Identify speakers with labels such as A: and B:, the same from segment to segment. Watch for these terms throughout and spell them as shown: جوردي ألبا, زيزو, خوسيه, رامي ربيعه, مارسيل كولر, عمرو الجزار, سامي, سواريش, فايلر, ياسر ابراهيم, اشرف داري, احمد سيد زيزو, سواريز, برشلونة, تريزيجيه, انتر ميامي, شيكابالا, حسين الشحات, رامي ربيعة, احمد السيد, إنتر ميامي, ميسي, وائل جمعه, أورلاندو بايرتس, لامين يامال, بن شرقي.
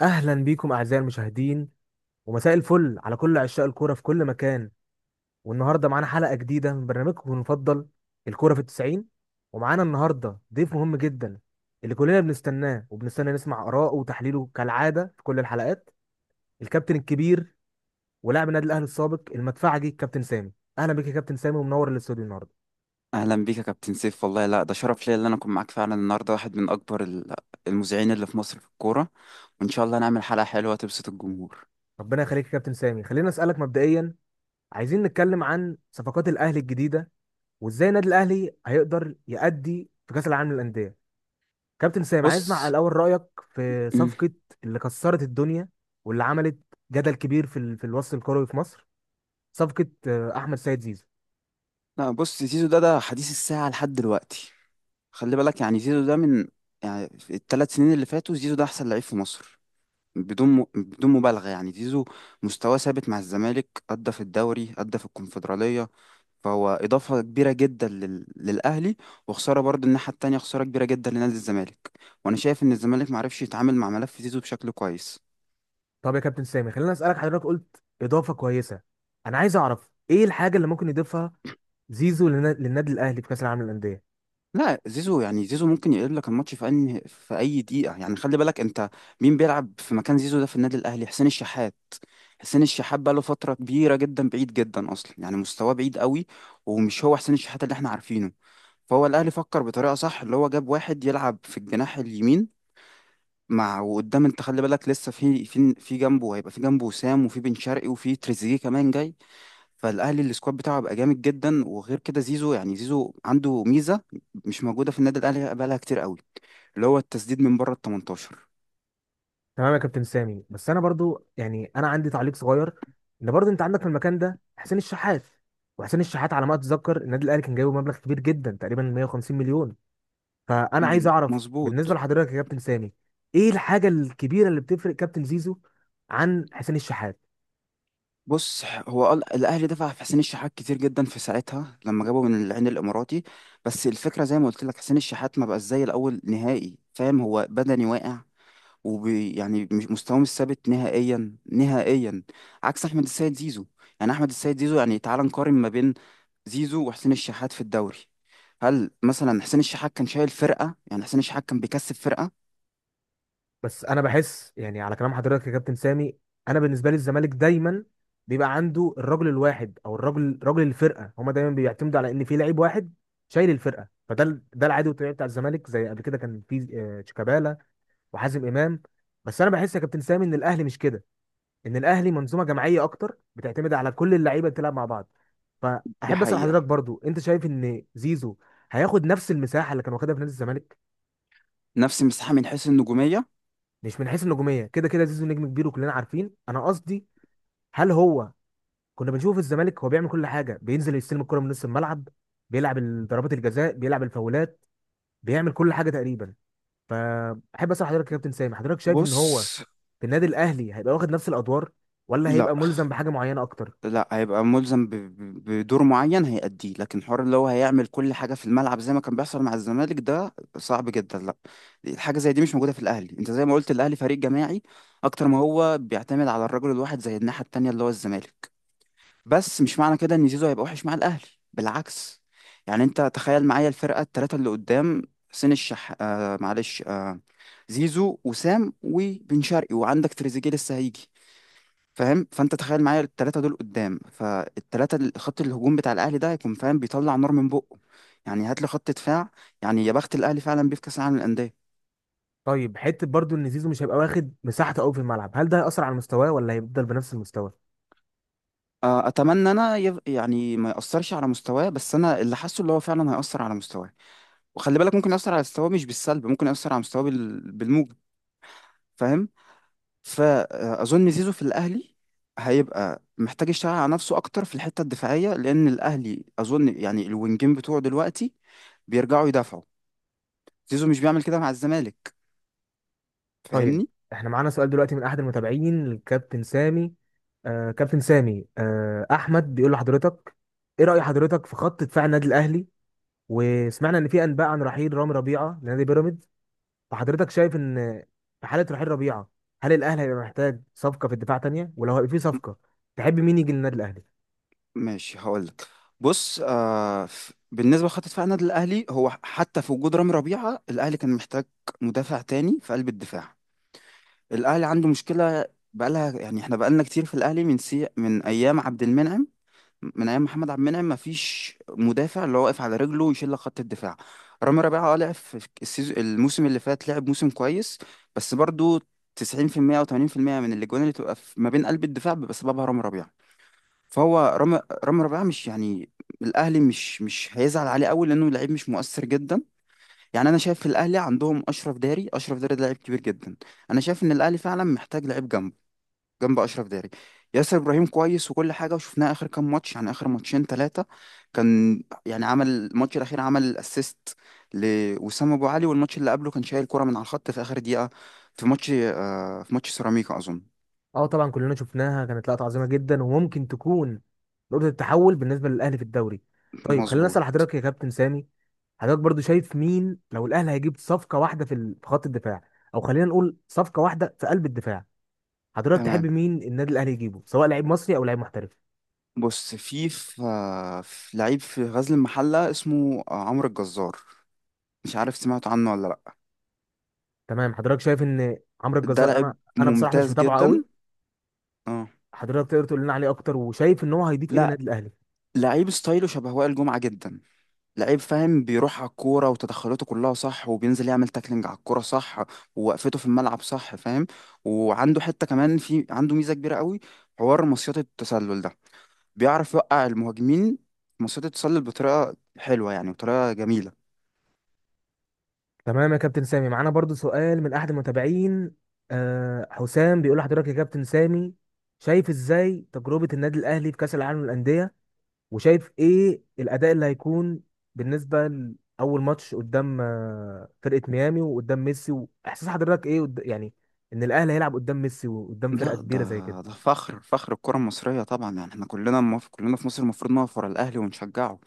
A: اهلا بيكم اعزائي المشاهدين، ومساء الفل على كل عشاق الكوره في كل مكان. والنهارده معانا حلقه جديده من برنامجكم المفضل الكوره في التسعين. ومعانا النهارده ضيف مهم جدا اللي كلنا بنستناه وبنستنى نسمع اراءه وتحليله كالعاده في كل الحلقات، الكابتن الكبير ولاعب النادي الاهلي السابق المدفعجي كابتن سامي. اهلا بيك يا كابتن سامي ومنور الاستوديو النهارده.
B: اهلا بيك يا كابتن سيف، والله لا، ده شرف ليا ان انا اكون معاك فعلا النهارده. واحد من اكبر المذيعين اللي في مصر في الكوره، وان شاء الله نعمل حلقه حلوه تبسط الجمهور.
A: ربنا يخليك يا كابتن سامي، خلينا اسالك مبدئيا، عايزين نتكلم عن صفقات الاهلي الجديده وازاي النادي الاهلي هيقدر يأدي في كاس العالم للانديه. كابتن سامي عايز اسمع
B: بص.
A: الاول رايك في
B: مم.
A: صفقه اللي كسرت الدنيا واللي عملت جدل كبير في الوسط الكروي في مصر، صفقه احمد سيد زيزو.
B: لا، بص، زيزو ده حديث الساعه لحد دلوقتي. خلي بالك، يعني زيزو ده من، يعني ال 3 سنين اللي فاتوا زيزو ده احسن لعيب في مصر، بدون مبالغه. يعني زيزو مستواه ثابت مع الزمالك، ادى في الدوري، ادى في الكونفدراليه، فهو إضافة كبيرة جدا للأهلي، وخسارة برضه الناحية التانية، خسارة كبيرة جدا لنادي الزمالك. وأنا شايف إن الزمالك معرفش يتعامل مع ملف زيزو بشكل كويس.
A: طب يا كابتن سامي خلينا اسالك، حضرتك قلت اضافه كويسه، انا عايز اعرف ايه الحاجه اللي ممكن يضيفها زيزو لن... للنادي الاهلي في كاس العالم للانديه.
B: لا، زيزو يعني زيزو ممكن يقلب لك الماتش في أي دقيقة. يعني خلي بالك أنت مين بيلعب في مكان زيزو ده في النادي الأهلي؟ حسين الشحات. حسين الشحات بقى له فترة كبيرة جدا بعيد جدا أصلا، يعني مستواه بعيد قوي، ومش هو حسين الشحات اللي احنا عارفينه. فهو الأهلي فكر بطريقة صح، اللي هو جاب واحد يلعب في الجناح اليمين مع وقدام. انت خلي بالك لسه في جنبه هيبقى في جنبه وسام، وفي بن شرقي، وفي تريزيجيه كمان جاي. فالاهلي السكواد بتاعه هيبقى جامد جدا. وغير كده زيزو، يعني زيزو عنده ميزه مش موجوده في النادي الاهلي بقالها كتير قوي، اللي هو التسديد من بره ال 18.
A: تمام يا كابتن سامي، بس انا برضو يعني انا عندي تعليق صغير، ان برضو انت عندك في المكان ده حسين الشحات، وحسين الشحات على ما اتذكر النادي الاهلي كان جايبه مبلغ كبير جدا، تقريبا 150 مليون. فانا عايز اعرف بالنسبه
B: مظبوط.
A: لحضرتك يا كابتن سامي ايه الحاجه الكبيره اللي بتفرق كابتن زيزو عن حسين الشحات.
B: بص، الاهلي دفع في حسين الشحات كتير جدا في ساعتها لما جابه من العين الاماراتي. بس الفكره زي ما قلت لك، حسين الشحات ما بقاش زي الاول نهائي، فاهم؟ هو بدني واقع، وبي يعني مستواه مش ثابت نهائيا نهائيا، عكس احمد السيد زيزو. يعني احمد السيد زيزو، يعني تعال نقارن ما بين زيزو وحسين الشحات في الدوري. هل مثلا حسين الشحات كان شايل فرقة؟ يعني حسين الشحات كان بيكسب فرقة؟
A: بس انا بحس يعني على كلام حضرتك يا كابتن سامي، انا بالنسبه لي الزمالك دايما بيبقى عنده الرجل الواحد او الرجل، رجل الفرقه، هما دايما بيعتمدوا على ان في لعيب واحد شايل الفرقه، ده العادي والطبيعي بتاع الزمالك، زي قبل كده كان في شيكابالا وحازم امام. بس انا بحس يا كابتن سامي ان الاهلي مش كده، ان الاهلي منظومه جماعيه اكتر بتعتمد على كل اللعيبه اللي بتلعب مع بعض.
B: دي
A: فاحب اسال حضرتك
B: حقيقة.
A: برضو انت شايف ان زيزو هياخد نفس المساحه اللي كان واخدها في نادي الزمالك؟
B: نفس المساحة من حيث النجومية.
A: مش من حيث النجوميه، كده كده زيزو نجم كبير وكلنا عارفين، انا قصدي هل هو كنا بنشوفه في الزمالك هو بيعمل كل حاجه، بينزل يستلم الكره من نص الملعب، بيلعب ضربات الجزاء، بيلعب الفاولات، بيعمل كل حاجه تقريبا. فاحب اسال حضرتك يا كابتن سامي، حضرتك شايف ان
B: بص،
A: هو في النادي الاهلي هيبقى واخد نفس الادوار ولا
B: لا،
A: هيبقى ملزم بحاجه معينه اكتر؟
B: لا هيبقى ملزم بدور معين هيأديه، لكن حوار اللي هو هيعمل كل حاجة في الملعب زي ما كان بيحصل مع الزمالك ده صعب جدا. لا، الحاجة زي دي مش موجودة في الأهلي. انت زي ما قلت، الأهلي فريق جماعي أكتر ما هو بيعتمد على الرجل الواحد، زي الناحية التانية اللي هو الزمالك. بس مش معنى كده إن زيزو هيبقى وحش مع الأهلي، بالعكس. يعني انت تخيل معايا الفرقة التلاتة اللي قدام، حسين الشح آه معلش آه زيزو وسام وبن شرقي، وعندك تريزيجيه لسه هيجي، فاهم؟ فانت تخيل معايا الثلاثه دول قدام، فالثلاثه خط الهجوم بتاع الاهلي ده هيكون، فاهم، بيطلع نار من بقه. يعني هات لي خط دفاع، يعني يا بخت الاهلي فعلا بيه في كاس العالم للانديه.
A: طيب حته برضو ان زيزو مش هيبقى واخد مساحته قوي في الملعب، هل ده هيأثر على مستواه ولا هيفضل بنفس المستوى؟
B: آه، اتمنى انا يعني ما ياثرش على مستواه، بس انا اللي حاسه اللي هو فعلا هياثر على مستواه. وخلي بالك ممكن ياثر على مستواه مش بالسلب، ممكن ياثر على مستواه بالموجب، فاهم؟ فاظن زيزو في الاهلي هيبقى محتاج يشتغل على نفسه اكتر في الحته الدفاعيه، لان الاهلي اظن يعني الوينجين بتوعه دلوقتي بيرجعوا يدافعوا. زيزو مش بيعمل كده مع الزمالك،
A: طيب
B: فاهمني؟
A: احنا معانا سؤال دلوقتي من احد المتابعين الكابتن سامي. كابتن سامي، احمد بيقول لحضرتك، ايه رأي حضرتك في خط دفاع النادي الاهلي؟ وسمعنا ان في انباء عن رحيل رامي ربيعة لنادي بيراميدز، فحضرتك شايف ان في حالة رحيل ربيعة، هل الاهلي هيبقى محتاج صفقة في الدفاع تانية؟ ولو هيبقى في
B: م-
A: صفقة تحب مين يجي للنادي الاهلي؟
B: ماشي، هقول لك. بص، آه، بالنسبه لخط دفاع النادي الاهلي، هو حتى في وجود رامي ربيعه الاهلي كان محتاج مدافع تاني في قلب الدفاع. الاهلي عنده مشكله بقالها، يعني احنا بقالنا كتير في الاهلي، من ايام عبد المنعم، من ايام محمد عبد المنعم مفيش مدافع اللي هو واقف على رجله ويشيل لك خط الدفاع. رامي ربيعه اه لعب في الموسم اللي فات لعب موسم كويس، بس برضو 90% او 80% من الاجوان اللي تبقى في ما بين قلب الدفاع بيبقى سببها رامي ربيعه. فهو رامي ربيعه مش يعني، الاهلي مش هيزعل عليه قوي لانه لعيب مش مؤثر جدا. يعني انا شايف في الاهلي عندهم اشرف داري، اشرف داري ده لعيب كبير جدا. انا شايف ان الاهلي فعلا محتاج لعيب جنبه، جنب اشرف داري. ياسر ابراهيم كويس وكل حاجه، وشفناه اخر كام ماتش، يعني اخر ماتشين ثلاثه كان يعني عمل الماتش الاخير عمل اسيست لوسام ابو علي، والماتش اللي قبله كان شايل كرة من على الخط في اخر دقيقه في ماتش، آه، في ماتش سيراميكا اظن.
A: اه طبعا كلنا شفناها، كانت لقطة عظيمة جدا وممكن تكون نقطة التحول بالنسبة للاهلي في الدوري. طيب خلينا اسأل
B: مظبوط.
A: حضرتك يا كابتن سامي، حضرتك برضو شايف مين لو الاهلي هيجيب صفقه واحده في خط الدفاع، او خلينا نقول صفقه واحده في قلب الدفاع، حضرتك تحب
B: تمام.
A: مين النادي الاهلي يجيبه، سواء لعيب مصري او لعيب محترف؟
B: بص، في لعيب في غزل المحله اسمه، آه، عمرو الجزار، مش عارف سمعت عنه ولا لا.
A: تمام حضرتك شايف ان عمرو
B: ده
A: الجزار، انا
B: لعيب
A: انا بصراحه مش
B: ممتاز
A: متابعه قوي،
B: جدا. اه.
A: حضرتك تقدر تقول لنا عليه اكتر وشايف ان هو هيضيف ايه
B: لا،
A: للنادي الاهلي؟
B: لعيب ستايله شبه وائل جمعه جدا، لعيب فاهم، بيروح على الكورة وتدخلاته كلها صح، وبينزل يعمل تاكلينج على الكورة صح، ووقفته في الملعب صح، فاهم؟ وعنده حتة كمان، في عنده ميزة كبيرة قوي، حوار مصيدة التسلل ده، بيعرف يوقع المهاجمين مصيدة التسلل بطريقة حلوة، يعني بطريقة جميلة.
A: تمام يا كابتن سامي معانا برضو سؤال من احد المتابعين. حسام بيقول لحضرتك يا كابتن سامي، شايف ازاي تجربه النادي الاهلي في كاس العالم للانديه؟ وشايف ايه الاداء اللي هيكون بالنسبه لاول ماتش قدام فرقه ميامي وقدام ميسي؟ واحساس حضرتك ايه يعني ان الاهلي هيلعب قدام ميسي وقدام فرقه
B: لا،
A: كبيره زي كده؟
B: ده ده فخر، فخر الكرة المصرية طبعا، يعني احنا كلنا كلنا في مصر المفروض نقف ورا الأهلي ونشجعه.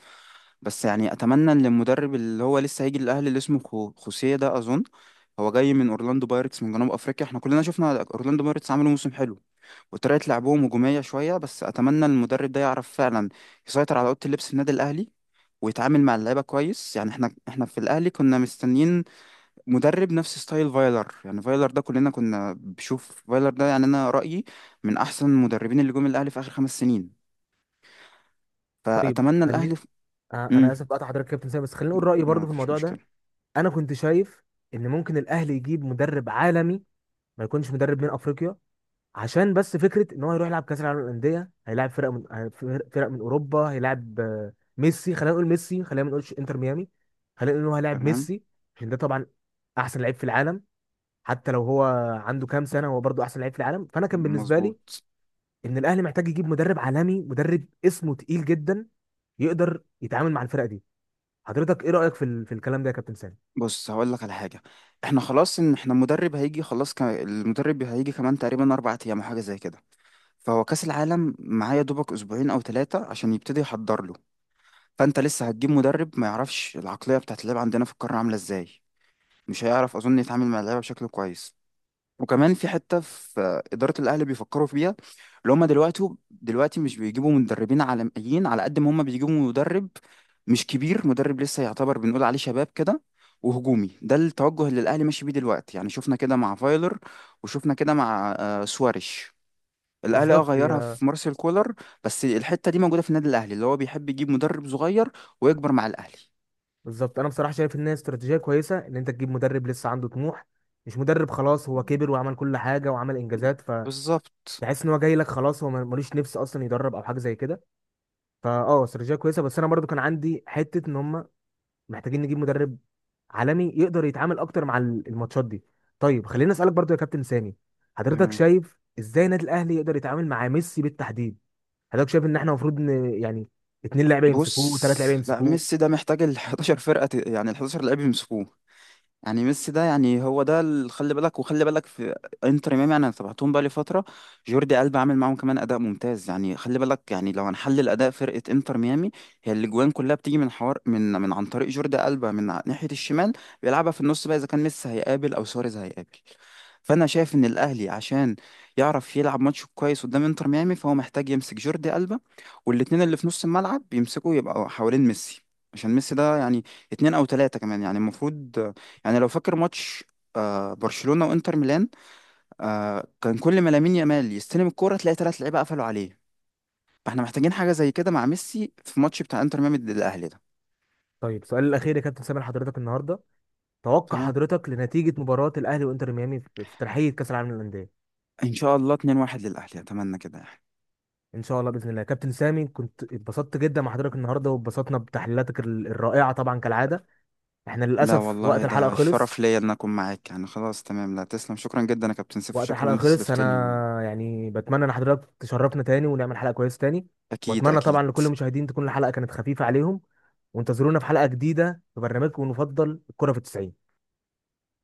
B: بس يعني أتمنى إن المدرب اللي هو لسه هيجي للأهلي اللي اسمه خوسيه ده أظن، هو جاي من أورلاندو بايرتس من جنوب أفريقيا. احنا كلنا شفنا أورلاندو بايرتس عملوا موسم حلو، وطريقة لعبهم هجومية شوية، بس أتمنى إن المدرب ده يعرف فعلا يسيطر على أوضة اللبس في النادي الأهلي، ويتعامل مع اللعيبة كويس. يعني احنا في الأهلي كنا مستنيين مدرب نفس ستايل فايلر. يعني فايلر ده كلنا كنا بنشوف فايلر ده، يعني انا رأيي من احسن المدربين اللي جم الاهلي في اخر 5 سنين.
A: طيب
B: فاتمنى الاهلي
A: خليني،
B: في...
A: انا
B: امم
A: اسف بقطع حضرتك يا كابتن سامي، بس خليني اقول رايي
B: ما
A: برضو في
B: فيش
A: الموضوع ده.
B: مشكلة.
A: انا كنت شايف ان ممكن الاهلي يجيب مدرب عالمي، ما يكونش مدرب من افريقيا، عشان بس فكره ان هو هيروح يلعب كاس العالم للانديه، هيلاعب فرق فرق من اوروبا، هيلاعب ميسي. خلينا نقول ميسي، خلينا ما نقولش انتر ميامي، خلينا نقول ان هو هيلاعب
B: تمام.
A: ميسي عشان ده طبعا احسن لعيب في العالم. حتى لو هو عنده كام سنه هو برضه احسن لعيب في العالم، فانا كان بالنسبه لي
B: مظبوط.
A: ان الاهلي محتاج يجيب مدرب عالمي، مدرب اسمه تقيل جدا يقدر يتعامل مع الفرقه دي. حضرتك ايه رايك في الكلام ده يا كابتن سامي؟
B: بص، هقول لك على حاجة. احنا خلاص، ان احنا المدرب هيجي خلاص، المدرب هيجي كمان تقريبا 4 ايام او حاجة زي كده. فهو كأس العالم معايا دوبك اسبوعين او ثلاثة عشان يبتدي يحضر له. فانت لسه هتجيب مدرب ما يعرفش العقلية بتاعت اللعب عندنا في القارة عاملة ازاي، مش هيعرف اظن يتعامل مع اللعيبة بشكل كويس. وكمان في حته في اداره الاهلي بيفكروا فيها، اللي هم دلوقتي مش بيجيبوا مدربين عالميين على قد ما هم بيجيبوا مدرب مش كبير، مدرب لسه يعتبر بنقول عليه شباب كده، وهجومي. ده التوجه اللي الاهلي ماشي بيه دلوقتي. يعني شفنا كده مع فايلر، وشفنا كده مع، آه، سواريش. الاهلي اه
A: بالظبط
B: غيرها
A: هي،
B: في مارسيل كولر. بس الحته دي موجوده في النادي الاهلي، اللي هو بيحب يجيب مدرب صغير ويكبر مع الاهلي.
A: بالظبط انا بصراحه شايف ان هي استراتيجيه كويسه ان انت تجيب مدرب لسه عنده طموح، مش مدرب خلاص هو كبر وعمل كل حاجه وعمل انجازات فتحس
B: بالظبط.
A: ان هو جاي لك خلاص، هو ملوش نفس اصلا يدرب او حاجه زي كده. فاه استراتيجيه كويسه، بس انا برضو كان عندي حته ان هم محتاجين نجيب مدرب عالمي يقدر يتعامل اكتر مع الماتشات دي. طيب خليني اسالك برضو يا كابتن سامي، حضرتك
B: تمام.
A: شايف ازاي النادي الاهلي يقدر يتعامل مع ميسي بالتحديد؟ حضرتك شايف ان احنا المفروض يعني اتنين لعيبه يمسكوه
B: بص،
A: وثلاث لعيبه
B: لا،
A: يمسكوه؟
B: ميسي ده محتاج ال 11 يعني ال 11 لعيب يمسكوه. يعني ميسي ده، يعني هو ده اللي خلي بالك، وخلي بالك في انتر ميامي. يعني انا تابعتهم بقى لي فتره، جوردي ألبا عامل معاهم كمان اداء ممتاز. يعني خلي بالك، يعني لو هنحلل اداء فرقه انتر ميامي، هي الاجوان كلها بتيجي من حوار، من عن طريق جوردي ألبا من ناحيه الشمال، بيلعبها في النص بقى، اذا كان ميسي هيقابل او سواريز هيقابل. فانا شايف ان الاهلي عشان يعرف يلعب ماتش كويس قدام انتر ميامي، فهو محتاج يمسك جوردي ألبا، والاتنين اللي في نص الملعب يمسكوا يبقوا حوالين ميسي. عشان ميسي ده يعني اتنين او تلاتة كمان يعني المفروض، يعني لو فاكر ماتش، آه، برشلونة وانتر ميلان، آه، كان كل ما لامين يامال يستلم الكورة تلاقي ثلاث لعيبة قفلوا عليه. فاحنا محتاجين حاجة زي كده مع ميسي في ماتش بتاع انتر ميامي ضد الاهلي ده.
A: طيب سؤال الاخير يا كابتن سامي لحضرتك النهارده، توقع
B: تمام.
A: حضرتك لنتيجة مباراة الأهلي وإنتر ميامي في ترحية كأس العالم للأندية؟
B: ان شاء الله 2-1 للاهلي، اتمنى كده يعني.
A: إن شاء الله بإذن الله. كابتن سامي كنت اتبسطت جدا مع حضرتك النهاردة، واتبسطنا بتحليلاتك الرائعة طبعا كالعادة. إحنا
B: لا
A: للأسف
B: والله،
A: وقت الحلقة
B: ده
A: خلص.
B: شرف ليا ان اكون معاك يعني. خلاص تمام، لا تسلم، شكرا جدا يا كابتن سيف،
A: وقت
B: وشكرا ان
A: الحلقة
B: انت
A: خلص،
B: استضفتني.
A: أنا يعني بتمنى إن حضرتك تشرفنا تاني ونعمل حلقة كويسة تاني.
B: اكيد
A: وأتمنى طبعا
B: اكيد.
A: لكل المشاهدين تكون الحلقة كانت خفيفة عليهم، وانتظرونا في حلقة جديدة في برنامجكم المفضل الكرة في التسعين.